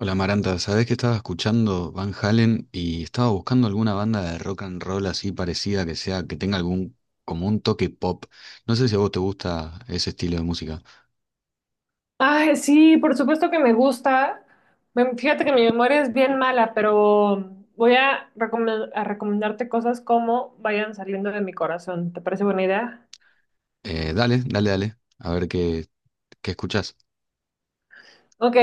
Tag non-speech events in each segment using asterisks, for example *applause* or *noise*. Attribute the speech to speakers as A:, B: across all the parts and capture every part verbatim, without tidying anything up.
A: Hola Maranta, ¿sabés que estaba escuchando Van Halen y estaba buscando alguna banda de rock and roll así parecida que sea, que tenga algún, como un toque pop? No sé si a vos te gusta ese estilo de música.
B: Ay, sí, por supuesto que me gusta. Me- Fíjate que mi memoria es bien mala, pero voy a, recome- a recomendarte cosas como vayan saliendo de mi corazón. ¿Te parece buena idea?
A: Eh, dale, dale, dale, a ver qué, qué escuchás.
B: Ok.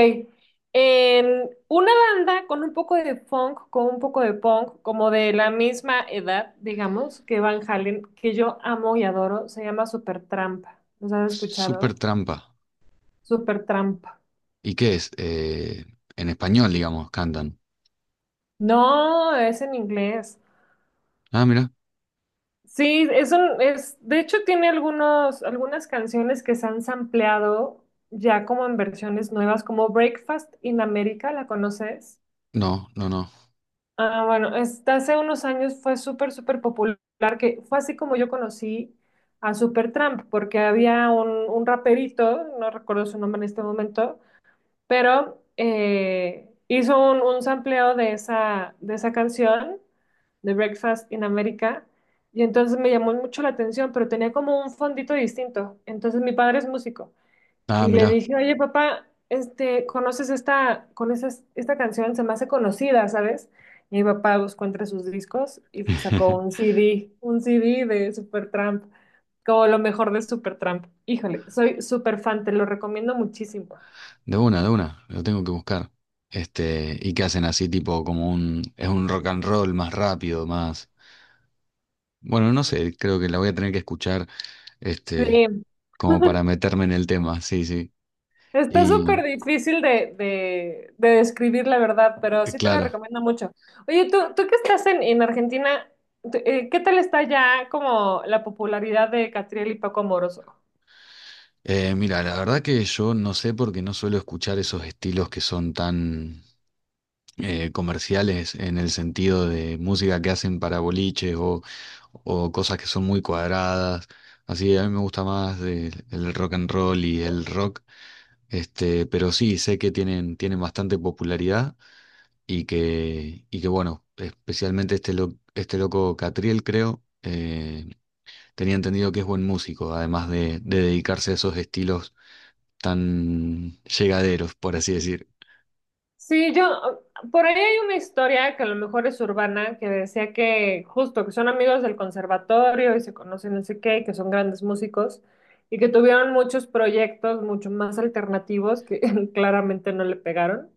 B: Em, una banda con un poco de funk, con un poco de punk, como de la misma edad, digamos, que Van Halen, que yo amo y adoro, se llama Supertramp. ¿Los has
A: Super
B: escuchado?
A: trampa.
B: Supertramp.
A: ¿Y qué es? Eh, en español, digamos, cantan.
B: No, es en inglés.
A: Ah, mira.
B: Sí, es un, es, de hecho tiene algunos, algunas canciones que se han sampleado ya como en versiones nuevas, como Breakfast in America, ¿la conoces?
A: No, no, no.
B: Ah, bueno, esta hace unos años fue súper, súper popular, que fue así como yo conocí a Supertramp, porque había un, un raperito, no recuerdo su nombre en este momento, pero eh, hizo un, un sampleo de esa, de esa canción, de Breakfast in America, y entonces me llamó mucho la atención, pero tenía como un fondito distinto. Entonces mi padre es músico,
A: Ah,
B: y le
A: mira.
B: dije, oye papá, este, ¿conoces esta, con esas- esta canción? Se me hace conocida, ¿sabes? Y mi papá buscó entre sus discos y sacó un
A: *laughs*
B: C D, un C D de Supertramp, como lo mejor de Supertramp. Híjole, soy super fan, te lo recomiendo muchísimo.
A: De una, de una, lo tengo que buscar. Este, y qué hacen así, tipo, como un, es un rock and roll más rápido, más. Bueno, no sé, creo que la voy a tener que escuchar, este,
B: Sí.
A: como para meterme en el tema, sí, sí.
B: Está súper
A: Y
B: difícil de, de, de describir la verdad, pero
A: eh,
B: sí te lo
A: claro,
B: recomiendo mucho. Oye, tú, tú que estás en, en Argentina, tú, eh, ¿qué tal está ya como la popularidad de Catriel y Paco Amoroso?
A: eh, mira, la verdad que yo no sé porque no suelo escuchar esos estilos que son tan eh, comerciales en el sentido de música que hacen para boliches o, o cosas que son muy cuadradas. Así, a mí me gusta más eh, el rock and roll y el rock, este, pero sí, sé que tienen, tienen bastante popularidad. Y que, y que bueno, especialmente este, lo- este loco Catriel, creo, eh, tenía entendido que es buen músico, además de, de dedicarse a esos estilos tan llegaderos, por así decir.
B: Sí, yo, por ahí hay una historia que a lo mejor es urbana, que decía que justo que son amigos del conservatorio y se conocen no sé qué, y que son grandes músicos y que tuvieron muchos proyectos mucho más alternativos que *laughs* claramente no le pegaron.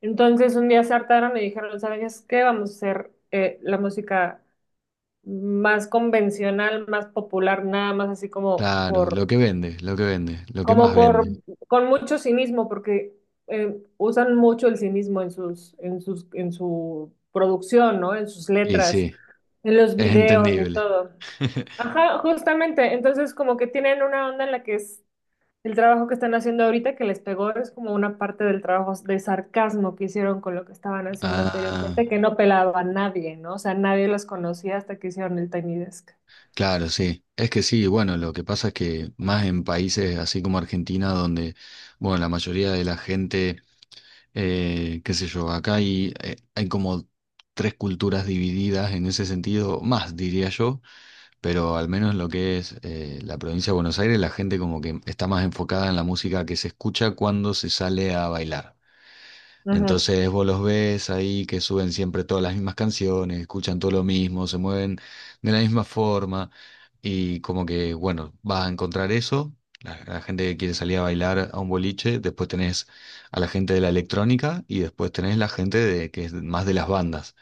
B: Entonces un día se hartaron y dijeron, ¿sabes qué? Vamos a hacer eh, la música más convencional, más popular, nada más así como
A: Claro,
B: por,
A: lo que vende, lo que vende, lo que más
B: como por,
A: vende.
B: con mucho cinismo, porque eh, usan mucho el cinismo en sus, en sus, en su producción, ¿no? En sus
A: Y
B: letras,
A: sí,
B: en los
A: es
B: videos y
A: entendible.
B: todo.
A: *laughs*
B: Ajá, justamente. Entonces como que tienen una onda en la que es el trabajo que están haciendo ahorita que les pegó es como una parte del trabajo de sarcasmo que hicieron con lo que estaban haciendo
A: Ah,
B: anteriormente, que no pelaba a nadie, ¿no? O sea, nadie los conocía hasta que hicieron el Tiny Desk.
A: claro, sí. Es que sí, bueno, lo que pasa es que más en países así como Argentina, donde, bueno, la mayoría de la gente. Eh, qué sé yo, acá hay, eh, hay como tres culturas divididas en ese sentido, más diría yo, pero al menos lo que es eh, la provincia de Buenos Aires, la gente como que está más enfocada en la música que se escucha cuando se sale a bailar.
B: Ujú.
A: Entonces vos los ves ahí que suben siempre todas las mismas canciones, escuchan todo lo mismo, se mueven de la misma forma y como que, bueno, vas a encontrar eso, la, la gente que quiere salir a bailar a un boliche, después tenés a la gente de la electrónica y después tenés la gente de, que es más de las bandas.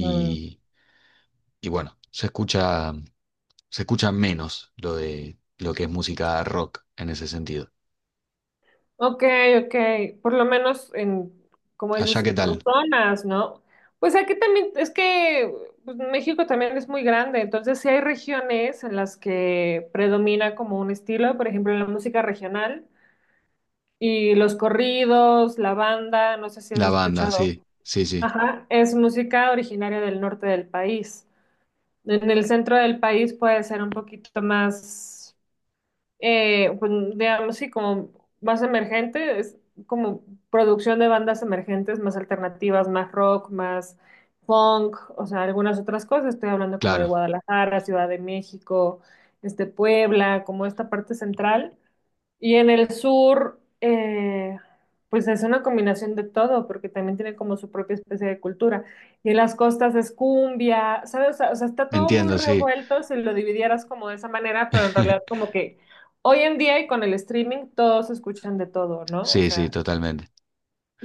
B: Mm.
A: y bueno, se escucha, se escucha menos lo de lo que es música rock en ese sentido.
B: Ok, ok, por lo menos en, como
A: Allá,
B: dices,
A: ¿qué
B: por
A: tal?
B: zonas, ¿no? Pues aquí también, es que pues, México también es muy grande, entonces sí hay regiones en las que predomina como un estilo, por ejemplo, la música regional y los corridos, la banda, no sé si has
A: La banda,
B: escuchado.
A: sí, sí, sí,
B: Ajá, es música originaria del norte del país. En el centro del país puede ser un poquito más eh, pues, digamos, sí, como más emergente, es como producción de bandas emergentes, más alternativas, más rock, más funk, o sea, algunas otras cosas. Estoy hablando como de
A: claro,
B: Guadalajara, Ciudad de México, este, Puebla, como esta parte central. Y en el sur, eh, pues es una combinación de todo, porque también tiene como su propia especie de cultura. Y en las costas es cumbia, ¿sabes? O sea, o sea, está todo muy
A: entiendo, sí.
B: revuelto si lo dividieras como de esa manera, pero en realidad
A: *laughs*
B: como que hoy en día y con el streaming todos escuchan de todo, ¿no? O
A: Sí, sí,
B: sea,
A: totalmente.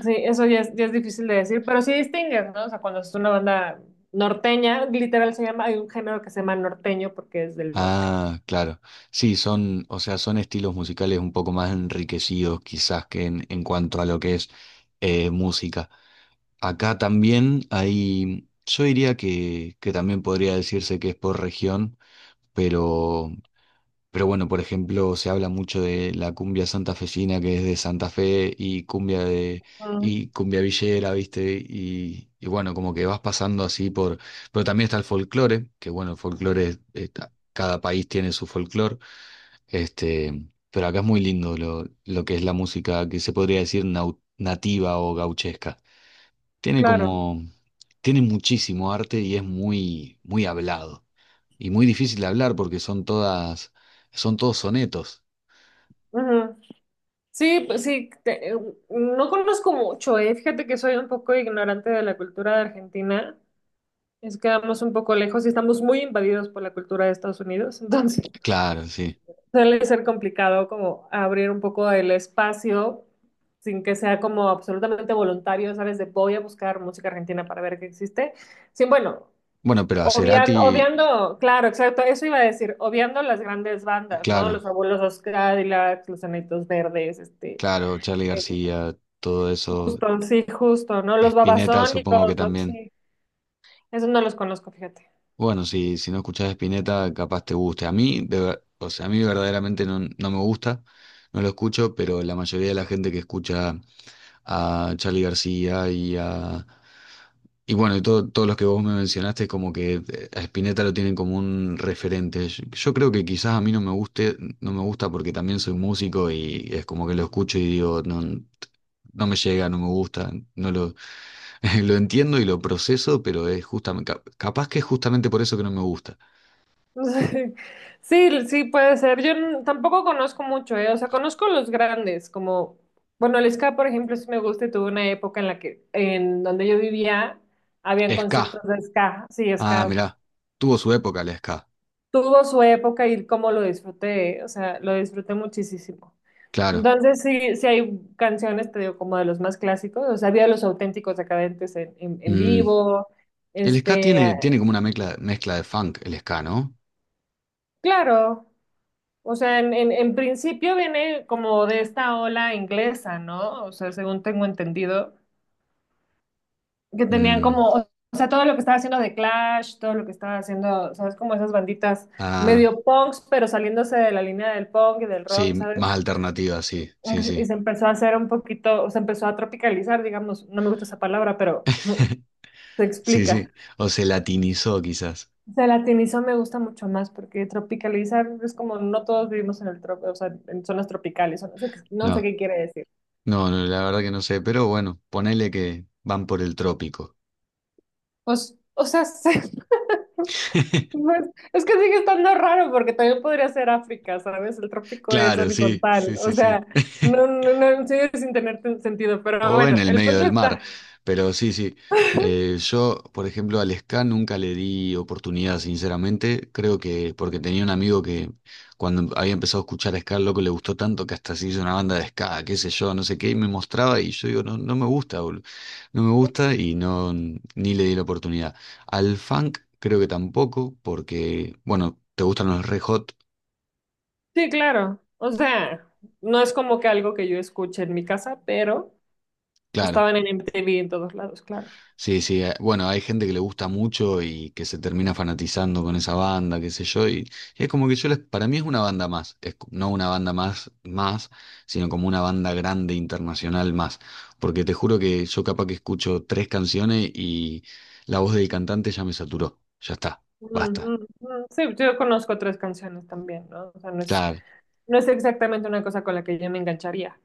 B: sí, eso ya es, ya es difícil de decir, pero sí distingues, ¿no? O sea, cuando es una banda norteña, literal se llama, hay un género que se llama norteño porque es del norte.
A: Ah, claro. Sí, son, o sea, son estilos musicales un poco más enriquecidos quizás que en, en cuanto a lo que es eh, música. Acá también hay, yo diría que, que también podría decirse que es por región, pero. Pero bueno, por ejemplo, se habla mucho de la cumbia santafesina que es de Santa Fe y cumbia de
B: Ah,
A: y cumbia villera, ¿viste? Y, y bueno, como que vas pasando así por, pero también está el folclore, que bueno, el folclore es- es- cada país tiene su folclore, este, pero acá es muy lindo lo, lo que es la música que se podría decir nau- nativa o gauchesca. Tiene
B: claro.
A: como tiene muchísimo arte y es muy muy hablado y muy difícil de hablar porque son todas son todos sonetos.
B: Ujú. Sí, pues sí, te- no conozco mucho, eh. Fíjate que soy un poco ignorante de la cultura de Argentina. Es que vamos un poco lejos y estamos muy invadidos por la cultura de Estados Unidos. *laughs* Entonces,
A: Claro, sí.
B: suele ser complicado como abrir un poco el espacio sin que sea como absolutamente voluntario, ¿sabes? De voy a buscar música argentina para ver qué existe. Sí, bueno,
A: Bueno, pero a
B: obvian-
A: Cerati,
B: obviando, claro, exacto, eso iba a decir, obviando las grandes bandas, ¿no? Los
A: claro,
B: Fabulosos Cadillacs, Los Enanitos Verdes, este
A: claro, Charly
B: eh,
A: García, todo eso.
B: Justo, sí, justo, ¿no? Los
A: Spinetta,
B: babasónicos,
A: supongo que
B: ¿no?
A: también.
B: Sí, eso no los conozco, fíjate.
A: Bueno, si, si no escuchás Spinetta, capaz te guste. A mí, de ver- o sea, a mí verdaderamente no, no me gusta. No lo escucho, pero la mayoría de la gente que escucha a Charly García y a... Y bueno, y todo- todos los que vos me mencionaste, como que eh, a Spinetta lo tienen como un referente. Yo, yo creo que quizás a mí no me guste, no me gusta porque también soy músico y es como que lo escucho y digo, no, no me llega, no me gusta, no lo, *laughs* lo entiendo y lo proceso, pero es justamente, capaz que es justamente por eso que no me gusta.
B: *laughs* Sí, sí, puede ser. Yo n- tampoco conozco mucho, ¿eh? O sea, conozco los grandes, como, bueno, el ska, por ejemplo, sí me gusta y tuve una época en la que, en donde yo vivía, habían
A: Ska.
B: conciertos de ska, sí,
A: Ah,
B: ska.
A: mirá. Tuvo su época la ska.
B: Tuvo su época y cómo lo disfruté, o sea, lo disfruté muchísimo.
A: Claro.
B: Entonces, sí, sí hay canciones, te digo, como de los más clásicos, o sea, había los auténticos decadentes en, en, en
A: Mm.
B: vivo,
A: El ska
B: este,
A: tiene, tiene como una mezcla, mezcla de funk, el ska, ¿no?
B: claro, o sea, en, en, en principio viene como de esta ola inglesa, ¿no? O sea, según tengo entendido, que tenían
A: Mm,
B: como, o sea, todo lo que estaba haciendo de Clash, todo lo que estaba haciendo, ¿sabes? Como esas banditas
A: ah,
B: medio punks, pero saliéndose de la línea del punk y del rock,
A: sí, más
B: ¿sabes?
A: alternativa, sí, sí,
B: Y
A: sí.
B: se empezó a hacer un poquito, o se empezó a tropicalizar, digamos, no me gusta esa palabra, pero
A: *laughs*
B: se
A: Sí,
B: explica.
A: sí. O se latinizó quizás.
B: Se latinizó me gusta mucho más porque tropicalizar es como no todos vivimos en el trop, o sea, en zonas tropicales, o no sé qué, no sé
A: No,
B: qué quiere decir.
A: no, no, la verdad que no sé, pero bueno, ponele que van por el trópico.
B: Pues, o sea, se- *laughs*
A: *laughs*
B: pues, es que sigue estando raro porque también podría ser África, ¿sabes? El trópico es
A: Claro, sí, sí,
B: horizontal, o
A: sí, sí.
B: sea,
A: *laughs*
B: no, no, no, sigue sin tener ten- sentido, pero
A: O en
B: bueno,
A: el
B: el
A: medio
B: punto
A: del mar.
B: está.
A: Pero sí, sí. Eh, yo, por ejemplo, al ska nunca le di oportunidad, sinceramente. Creo que porque tenía un amigo que cuando había empezado a escuchar ska, el loco le gustó tanto que hasta se hizo una banda de ska, qué sé yo, no sé qué, y me mostraba y yo digo, no, no me gusta, boludo. No me gusta y no, ni le di la oportunidad. Al funk creo que tampoco, porque, bueno, te gustan los Red Hot,
B: Sí, claro, o sea, no es como que algo que yo escuche en mi casa, pero
A: claro.
B: estaban en M T V en todos lados, claro.
A: Sí, sí, eh, bueno, hay gente que le gusta mucho y que se termina fanatizando con esa banda, qué sé yo, y es como que yo les, para mí es una banda más, es co- no una banda más, más, sino como una banda grande internacional más, porque te juro que yo capaz que escucho tres canciones y la voz del cantante ya me saturó, ya está,
B: Mm,
A: basta,
B: mm, mm. Sí, yo conozco otras canciones también, ¿no? O sea, no es,
A: claro,
B: no es exactamente una cosa con la que yo me engancharía,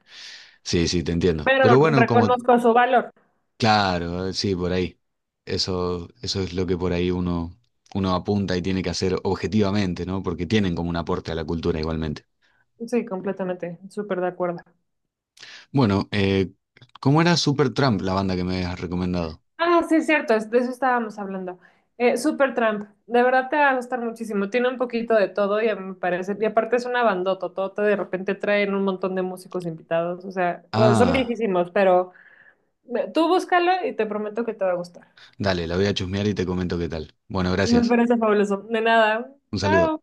A: sí, sí, te entiendo,
B: pero
A: pero bueno, como.
B: reconozco su valor.
A: Claro, sí, por ahí. Eso, eso es lo que por ahí uno, uno apunta y tiene que hacer objetivamente, ¿no? Porque tienen como un aporte a la cultura igualmente.
B: Sí, completamente, súper de acuerdo.
A: Bueno, eh, ¿cómo era Supertramp, la banda que me has recomendado?
B: Ah, sí, es cierto, es- de eso estábamos hablando. Eh, Supertramp, de verdad te va a gustar muchísimo, tiene un poquito de todo y a mí me parece, y aparte es una bandota, de repente traen un montón de músicos invitados, o sea, bueno, son
A: Ah,
B: viejísimos, pero eh, tú búscalo y te prometo que te va a gustar.
A: dale, la voy a chusmear y te comento qué tal. Bueno,
B: Me
A: gracias.
B: parece fabuloso. De nada,
A: Un saludo.
B: chao.